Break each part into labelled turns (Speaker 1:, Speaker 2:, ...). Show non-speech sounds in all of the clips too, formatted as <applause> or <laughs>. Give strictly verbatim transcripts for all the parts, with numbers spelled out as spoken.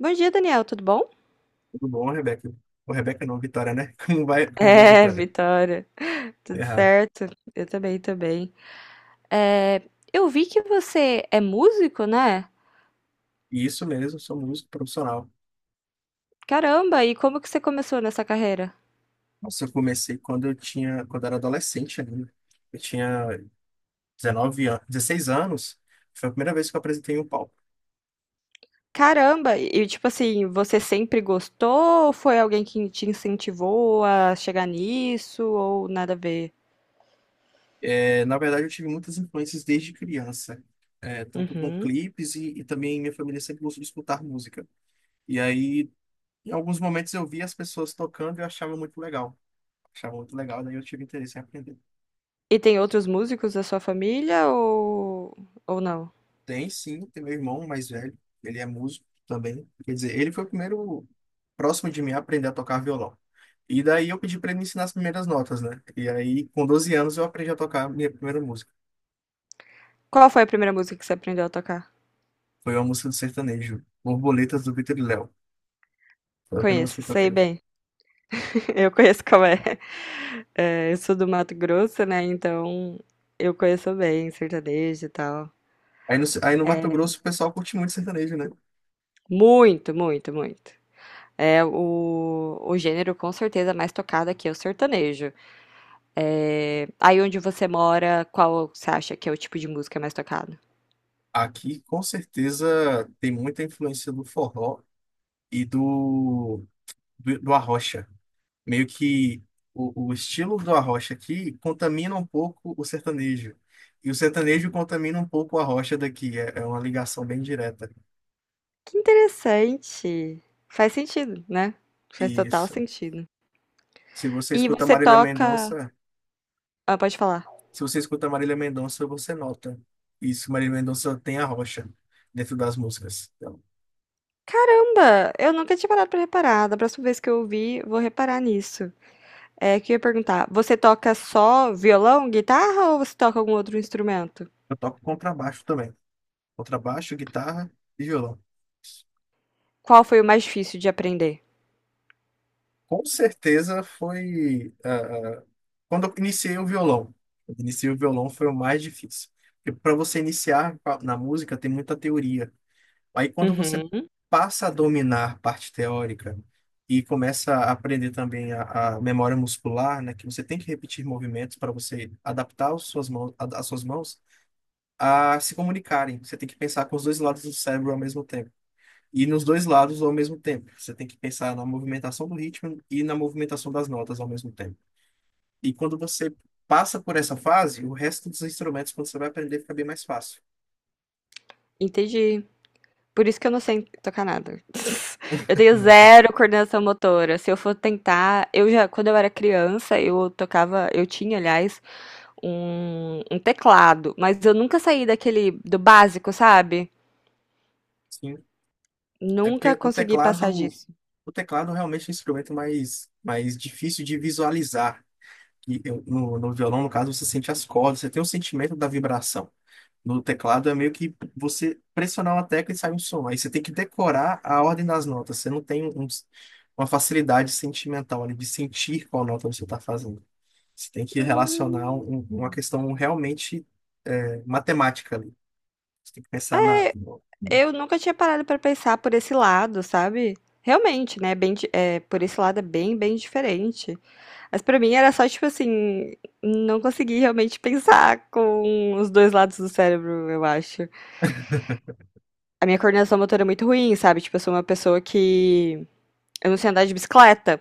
Speaker 1: Bom dia, Daniel, tudo bom?
Speaker 2: Tudo bom, Rebeca? Ô, Rebeca não, Vitória, né? <laughs> Como vai, como vai,
Speaker 1: É,
Speaker 2: Vitória?
Speaker 1: Vitória,
Speaker 2: Tá
Speaker 1: tudo
Speaker 2: errado.
Speaker 1: certo? Eu também, também. É, eu vi que você é músico, né?
Speaker 2: E isso mesmo, sou músico profissional.
Speaker 1: Caramba, e como que você começou nessa carreira?
Speaker 2: Nossa, eu comecei quando eu tinha, quando eu era adolescente ainda. Eu tinha dezenove anos, dezesseis anos. Foi a primeira vez que eu apresentei em um palco.
Speaker 1: Caramba, e tipo assim, você sempre gostou? Ou foi alguém que te incentivou a chegar nisso ou nada a ver?
Speaker 2: É, na verdade, eu tive muitas influências desde criança. É, tanto com
Speaker 1: Uhum.
Speaker 2: clipes e, e também minha família sempre gostou de escutar música. E aí, em alguns momentos eu via as pessoas tocando e eu achava muito legal. Achava muito legal, daí eu tive interesse em aprender.
Speaker 1: E tem outros músicos da sua família ou ou não?
Speaker 2: Tem sim, tem meu irmão mais velho, ele é músico também. Quer dizer, ele foi o primeiro próximo de mim a aprender a tocar violão. E daí eu pedi para ele me ensinar as primeiras notas, né? E aí, com doze anos, eu aprendi a tocar a minha primeira música.
Speaker 1: Qual foi a primeira música que você aprendeu a tocar?
Speaker 2: Foi uma música do sertanejo, Borboletas do Vitor e Léo. Foi a primeira música
Speaker 1: Conheço,
Speaker 2: que eu
Speaker 1: sei
Speaker 2: toquei.
Speaker 1: bem. <laughs> Eu conheço qual é. É, eu sou do Mato Grosso, né? Então eu conheço bem sertanejo e tal.
Speaker 2: Aí no, aí no Mato
Speaker 1: É,
Speaker 2: Grosso o pessoal curte muito sertanejo, né?
Speaker 1: muito, muito, muito. É o, o gênero com certeza mais tocado aqui é o sertanejo. É, aí onde você mora, qual você acha que é o tipo de música mais tocado?
Speaker 2: Aqui, com certeza, tem muita influência do forró e do, do, do arrocha. Meio que o, o estilo do arrocha aqui contamina um pouco o sertanejo. E o sertanejo contamina um pouco a rocha daqui. É, é uma ligação bem direta.
Speaker 1: Que interessante. Faz sentido, né? Faz total
Speaker 2: Isso.
Speaker 1: sentido.
Speaker 2: Se você
Speaker 1: E
Speaker 2: escuta
Speaker 1: você
Speaker 2: Marília
Speaker 1: toca.
Speaker 2: Mendonça,
Speaker 1: Ah, pode falar.
Speaker 2: se você escuta Marília Mendonça, você nota. Isso, Marília Mendonça tem a rocha dentro das músicas. Então,
Speaker 1: Caramba, eu nunca tinha parado pra reparar. Da próxima vez que eu ouvir, vou reparar nisso. É, que eu ia perguntar, você toca só violão, guitarra ou você toca algum outro instrumento?
Speaker 2: eu toco contrabaixo também. Contrabaixo, guitarra e violão.
Speaker 1: Qual foi o mais difícil de aprender?
Speaker 2: Com certeza foi. Ah, ah, quando eu iniciei o violão. Eu iniciei o violão foi o mais difícil. Porque para você iniciar pa- na música tem muita teoria. Aí quando você
Speaker 1: Uhum.
Speaker 2: passa a dominar a parte teórica e começa a aprender também a, a memória muscular, né, que você tem que repetir movimentos para você adaptar as suas mãos, as suas mãos a se comunicarem. Você tem que pensar com os dois lados do cérebro ao mesmo tempo. E nos dois lados ao mesmo tempo. Você tem que pensar na movimentação do ritmo e na movimentação das notas ao mesmo tempo. E quando você passa por essa fase, o resto dos instrumentos, quando você vai aprender, fica bem mais fácil.
Speaker 1: Entendi. Por isso que eu não sei tocar nada. <laughs> Eu tenho
Speaker 2: Uhum.
Speaker 1: zero coordenação motora. Se eu for tentar, eu já, quando eu era criança, eu tocava, eu tinha, aliás, um, um teclado, mas eu nunca saí daquele do básico, sabe?
Speaker 2: Sim. É
Speaker 1: Nunca
Speaker 2: porque o
Speaker 1: consegui passar
Speaker 2: teclado,
Speaker 1: disso.
Speaker 2: o teclado realmente é um instrumento mais, mais difícil de visualizar. E eu- no, no violão, no caso, você sente as cordas, você tem o sentimento da vibração. No teclado é meio que você pressionar uma tecla e sai um som. Aí você tem que decorar a ordem das notas. Você não tem um- uma facilidade sentimental ali de sentir qual nota você está fazendo. Você tem que relacionar
Speaker 1: Hum.
Speaker 2: um- um, uma questão realmente é matemática ali. Você tem que pensar na. no- no-
Speaker 1: Eu nunca tinha parado pra pensar por esse lado, sabe. Realmente, né, bem di eh, por esse lado é bem, bem diferente. Mas pra mim era só, tipo assim, não consegui realmente pensar com os dois lados do cérebro, eu acho. A minha coordenação motora é muito ruim, sabe, tipo, eu sou uma pessoa que eu não sei andar de bicicleta,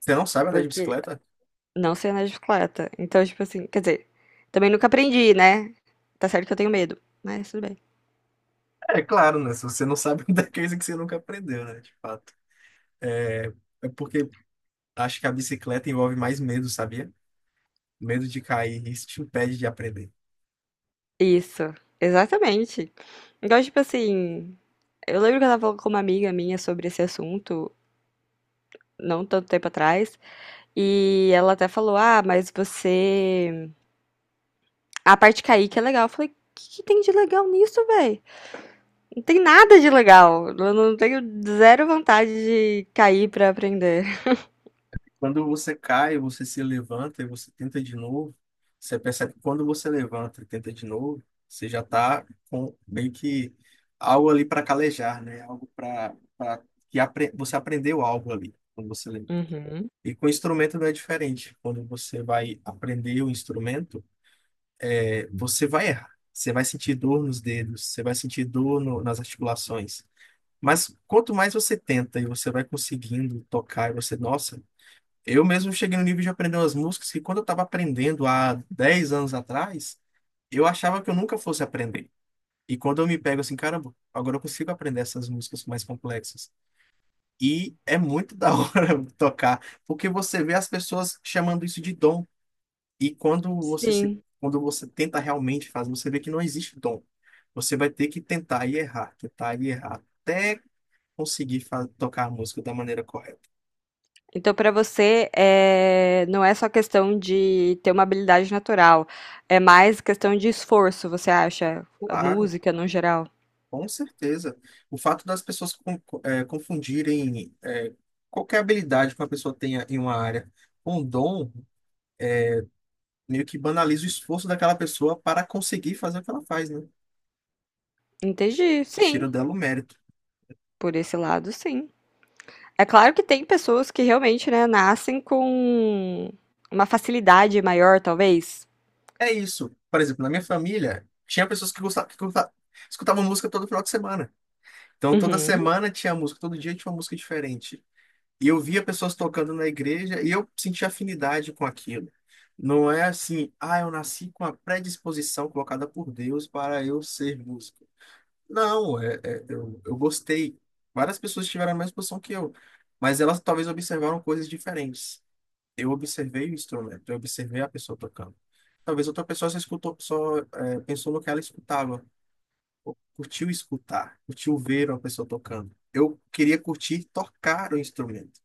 Speaker 2: Você não sabe andar de
Speaker 1: porque
Speaker 2: bicicleta?
Speaker 1: não sei andar de bicicleta. Então, tipo assim, quer dizer, também nunca aprendi, né. Tá certo que eu tenho medo, mas tudo bem.
Speaker 2: É claro, né? Se você não sabe <laughs> andar, é coisa que você nunca aprendeu, né? De fato. É é porque acho que a bicicleta envolve mais medo, sabia? Medo de cair. Isso te impede de aprender.
Speaker 1: Isso, exatamente. Então, tipo assim, eu lembro que eu tava falando com uma amiga minha sobre esse assunto, não tanto tempo atrás, e ela até falou: Ah, mas você. A parte caíque é legal. Eu falei: O que que tem de legal nisso, véi? Não tem nada de legal. Eu não tenho zero vontade de cair pra aprender.
Speaker 2: Quando você cai, você se levanta e você tenta de novo. Você percebe que quando você levanta e tenta de novo, você já está com meio que algo ali para calejar, né? Algo para que apre- você aprendeu algo ali quando você levanta.
Speaker 1: Uhum.
Speaker 2: E com instrumento não é diferente. Quando você vai aprender o instrumento, é, você vai errar. Você vai sentir dor nos dedos, você vai sentir dor no- nas articulações. Mas quanto mais você tenta e você vai conseguindo tocar, e você, nossa, eu mesmo cheguei no nível de aprender umas músicas que quando eu estava aprendendo há dez anos atrás, eu achava que eu nunca fosse aprender. E quando eu me pego assim, caramba, agora eu consigo aprender essas músicas mais complexas. E é muito da <laughs> hora tocar, porque você vê as pessoas chamando isso de dom. E quando você se,
Speaker 1: Sim.
Speaker 2: quando você tenta realmente fazer, você vê que não existe dom. Você vai ter que tentar e errar, tentar e errar, até conseguir fa- tocar a música da maneira correta.
Speaker 1: Então, pra você, é, não é só questão de ter uma habilidade natural, é mais questão de esforço, você acha? A
Speaker 2: Claro.
Speaker 1: música no geral.
Speaker 2: Com certeza. O fato das pessoas con- eh, confundirem eh, qualquer habilidade que uma pessoa tenha em uma área com um dom, meio que banaliza o esforço daquela pessoa para conseguir fazer o que ela faz, né?
Speaker 1: Entendi,
Speaker 2: Tira
Speaker 1: sim.
Speaker 2: dela o mérito.
Speaker 1: Por esse lado, sim. É claro que tem pessoas que realmente, né, nascem com uma facilidade maior, talvez.
Speaker 2: É isso. Por exemplo, na minha família, tinha pessoas que gostavam, que gosta- escutavam música todo final de semana. Então, toda
Speaker 1: Uhum.
Speaker 2: semana tinha música, todo dia tinha uma música diferente. E eu via pessoas tocando na igreja e eu sentia afinidade com aquilo. Não é assim, ah, eu nasci com a predisposição colocada por Deus para eu ser músico. Não, é, é- eu, eu gostei. Várias pessoas tiveram a mesma posição que eu, mas elas talvez observaram coisas diferentes. Eu observei o instrumento, eu observei a pessoa tocando. Talvez outra pessoa só escutou, só, é, pensou no que ela escutava, ou curtiu escutar, curtiu ver uma pessoa tocando. Eu queria curtir tocar o instrumento.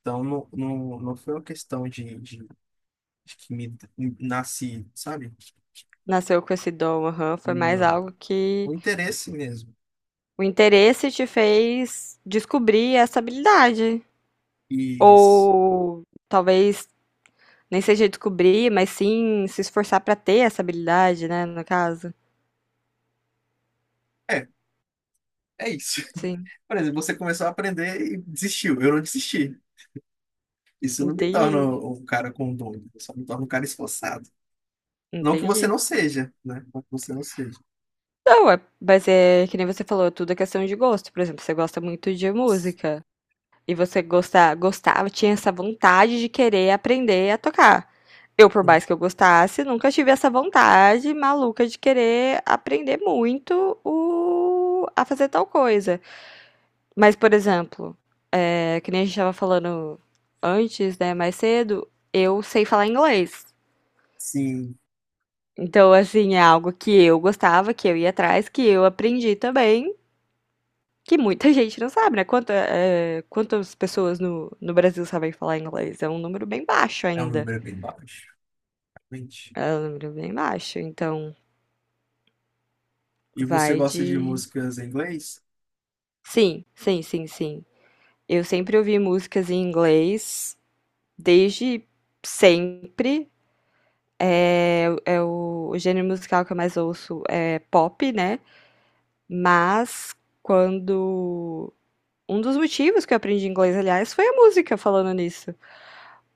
Speaker 2: Então, não, não, não foi uma questão de, de, de que me, me nasci, sabe?
Speaker 1: Nasceu com esse dom, aham. Foi mais
Speaker 2: Não.
Speaker 1: algo
Speaker 2: O
Speaker 1: que
Speaker 2: interesse mesmo.
Speaker 1: o interesse te fez descobrir essa habilidade.
Speaker 2: E s-
Speaker 1: Ou talvez nem seja descobrir, mas sim se esforçar pra ter essa habilidade, né, no caso.
Speaker 2: é, é isso. <laughs>
Speaker 1: Sim,
Speaker 2: Por exemplo, você começou a aprender e desistiu. Eu não desisti. Isso não me torna
Speaker 1: entendi,
Speaker 2: um cara com dom, só me torna um cara esforçado. Não que você
Speaker 1: entendi.
Speaker 2: não seja, né? Não que você não seja.
Speaker 1: Não, é, mas é que nem você falou, é tudo é questão de gosto. Por exemplo, você gosta muito de música. E você gosta gostava, tinha essa vontade de querer aprender a tocar. Eu, por mais que eu gostasse, nunca tive essa vontade maluca de querer aprender muito o... a fazer tal coisa. Mas, por exemplo, é, que nem a gente estava falando antes, né, mais cedo, eu sei falar inglês.
Speaker 2: Sim,
Speaker 1: Então, assim, é algo que eu gostava, que eu ia atrás, que eu aprendi também. Que muita gente não sabe, né? Quanta, eh, quantas pessoas no, no Brasil sabem falar inglês? É um número bem baixo
Speaker 2: é um
Speaker 1: ainda.
Speaker 2: número bem baixo, realmente.
Speaker 1: É um número bem baixo. Então,
Speaker 2: E você
Speaker 1: vai
Speaker 2: gosta de
Speaker 1: de.
Speaker 2: músicas em inglês?
Speaker 1: Sim, sim, sim, sim. Eu sempre ouvi músicas em inglês, desde sempre. É, é o, o gênero musical que eu mais ouço é pop, né? Mas quando. Um dos motivos que eu aprendi inglês, aliás, foi a música, falando nisso.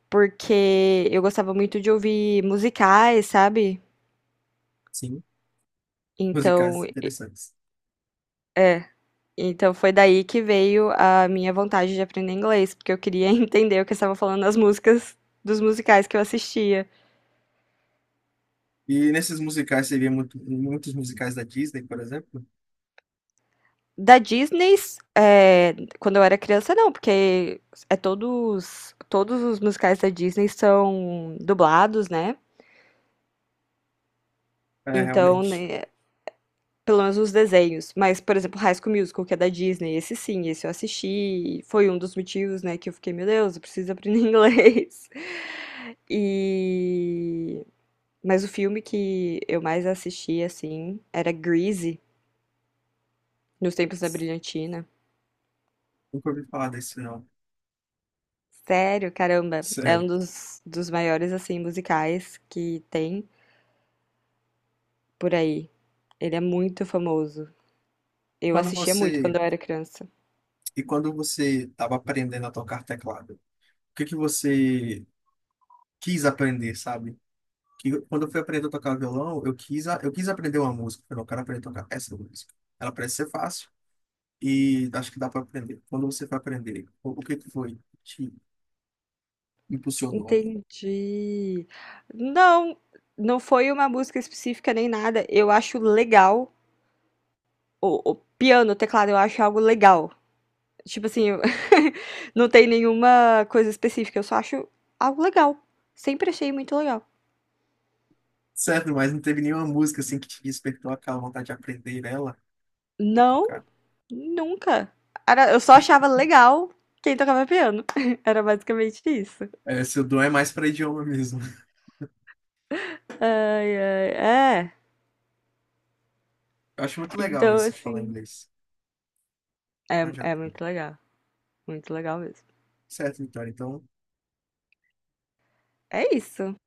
Speaker 1: Porque eu gostava muito de ouvir musicais, sabe?
Speaker 2: Sim,
Speaker 1: Então,
Speaker 2: musicais interessantes.
Speaker 1: é. Então foi daí que veio a minha vontade de aprender inglês, porque eu queria <laughs> entender o que estavam falando nas músicas dos musicais que eu assistia.
Speaker 2: E nesses musicais, você vê muito, muitos musicais da Disney, por exemplo?
Speaker 1: Da Disney, é, quando eu era criança, não, porque é todos, todos os musicais da Disney são dublados, né?
Speaker 2: É,
Speaker 1: Então,
Speaker 2: realmente.
Speaker 1: né, pelo menos os desenhos, mas, por exemplo, High School Musical, que é da Disney, esse sim, esse eu assisti, e foi um dos motivos, né, que eu fiquei, meu Deus, eu preciso aprender <laughs> inglês. E... Mas o filme que eu mais assisti, assim, era Grease, nos tempos da Brilhantina.
Speaker 2: Nunca ouvi falar desse, não.
Speaker 1: Sério, caramba, é um
Speaker 2: Sério.
Speaker 1: dos, dos maiores, assim, musicais que tem por aí. Ele é muito famoso. Eu
Speaker 2: Quando
Speaker 1: assistia muito quando
Speaker 2: você...
Speaker 1: eu era criança.
Speaker 2: E quando você estava aprendendo a tocar teclado, o que que você quis aprender, sabe? Que, quando eu fui aprender a tocar violão, eu quis, a- eu quis aprender uma música. Eu falei, "Eu quero aprender a tocar essa música. Ela parece ser fácil e acho que dá para aprender." Quando você foi aprender, o, o que que foi que te impulsionou ali?
Speaker 1: Entendi. Não, não foi uma música específica nem nada. Eu acho legal. O, o piano, o teclado, eu acho algo legal. Tipo assim, eu- <laughs> não tem nenhuma coisa específica, eu só acho algo legal. Sempre achei muito legal.
Speaker 2: Certo, mas não teve nenhuma música assim que te despertou aquela vontade de aprender ela a
Speaker 1: Não,
Speaker 2: tocar?
Speaker 1: nunca. Era, eu só achava legal quem tocava piano. <laughs> Era basicamente isso.
Speaker 2: É, seu dom é mais para idioma mesmo. <laughs>
Speaker 1: Ai, ai, é.
Speaker 2: Eu acho muito legal
Speaker 1: Então,
Speaker 2: isso de falar
Speaker 1: assim,
Speaker 2: inglês.
Speaker 1: é,
Speaker 2: Ah, já.
Speaker 1: é muito legal. Muito legal mesmo.
Speaker 2: Certo, Vitória. Então.
Speaker 1: É isso.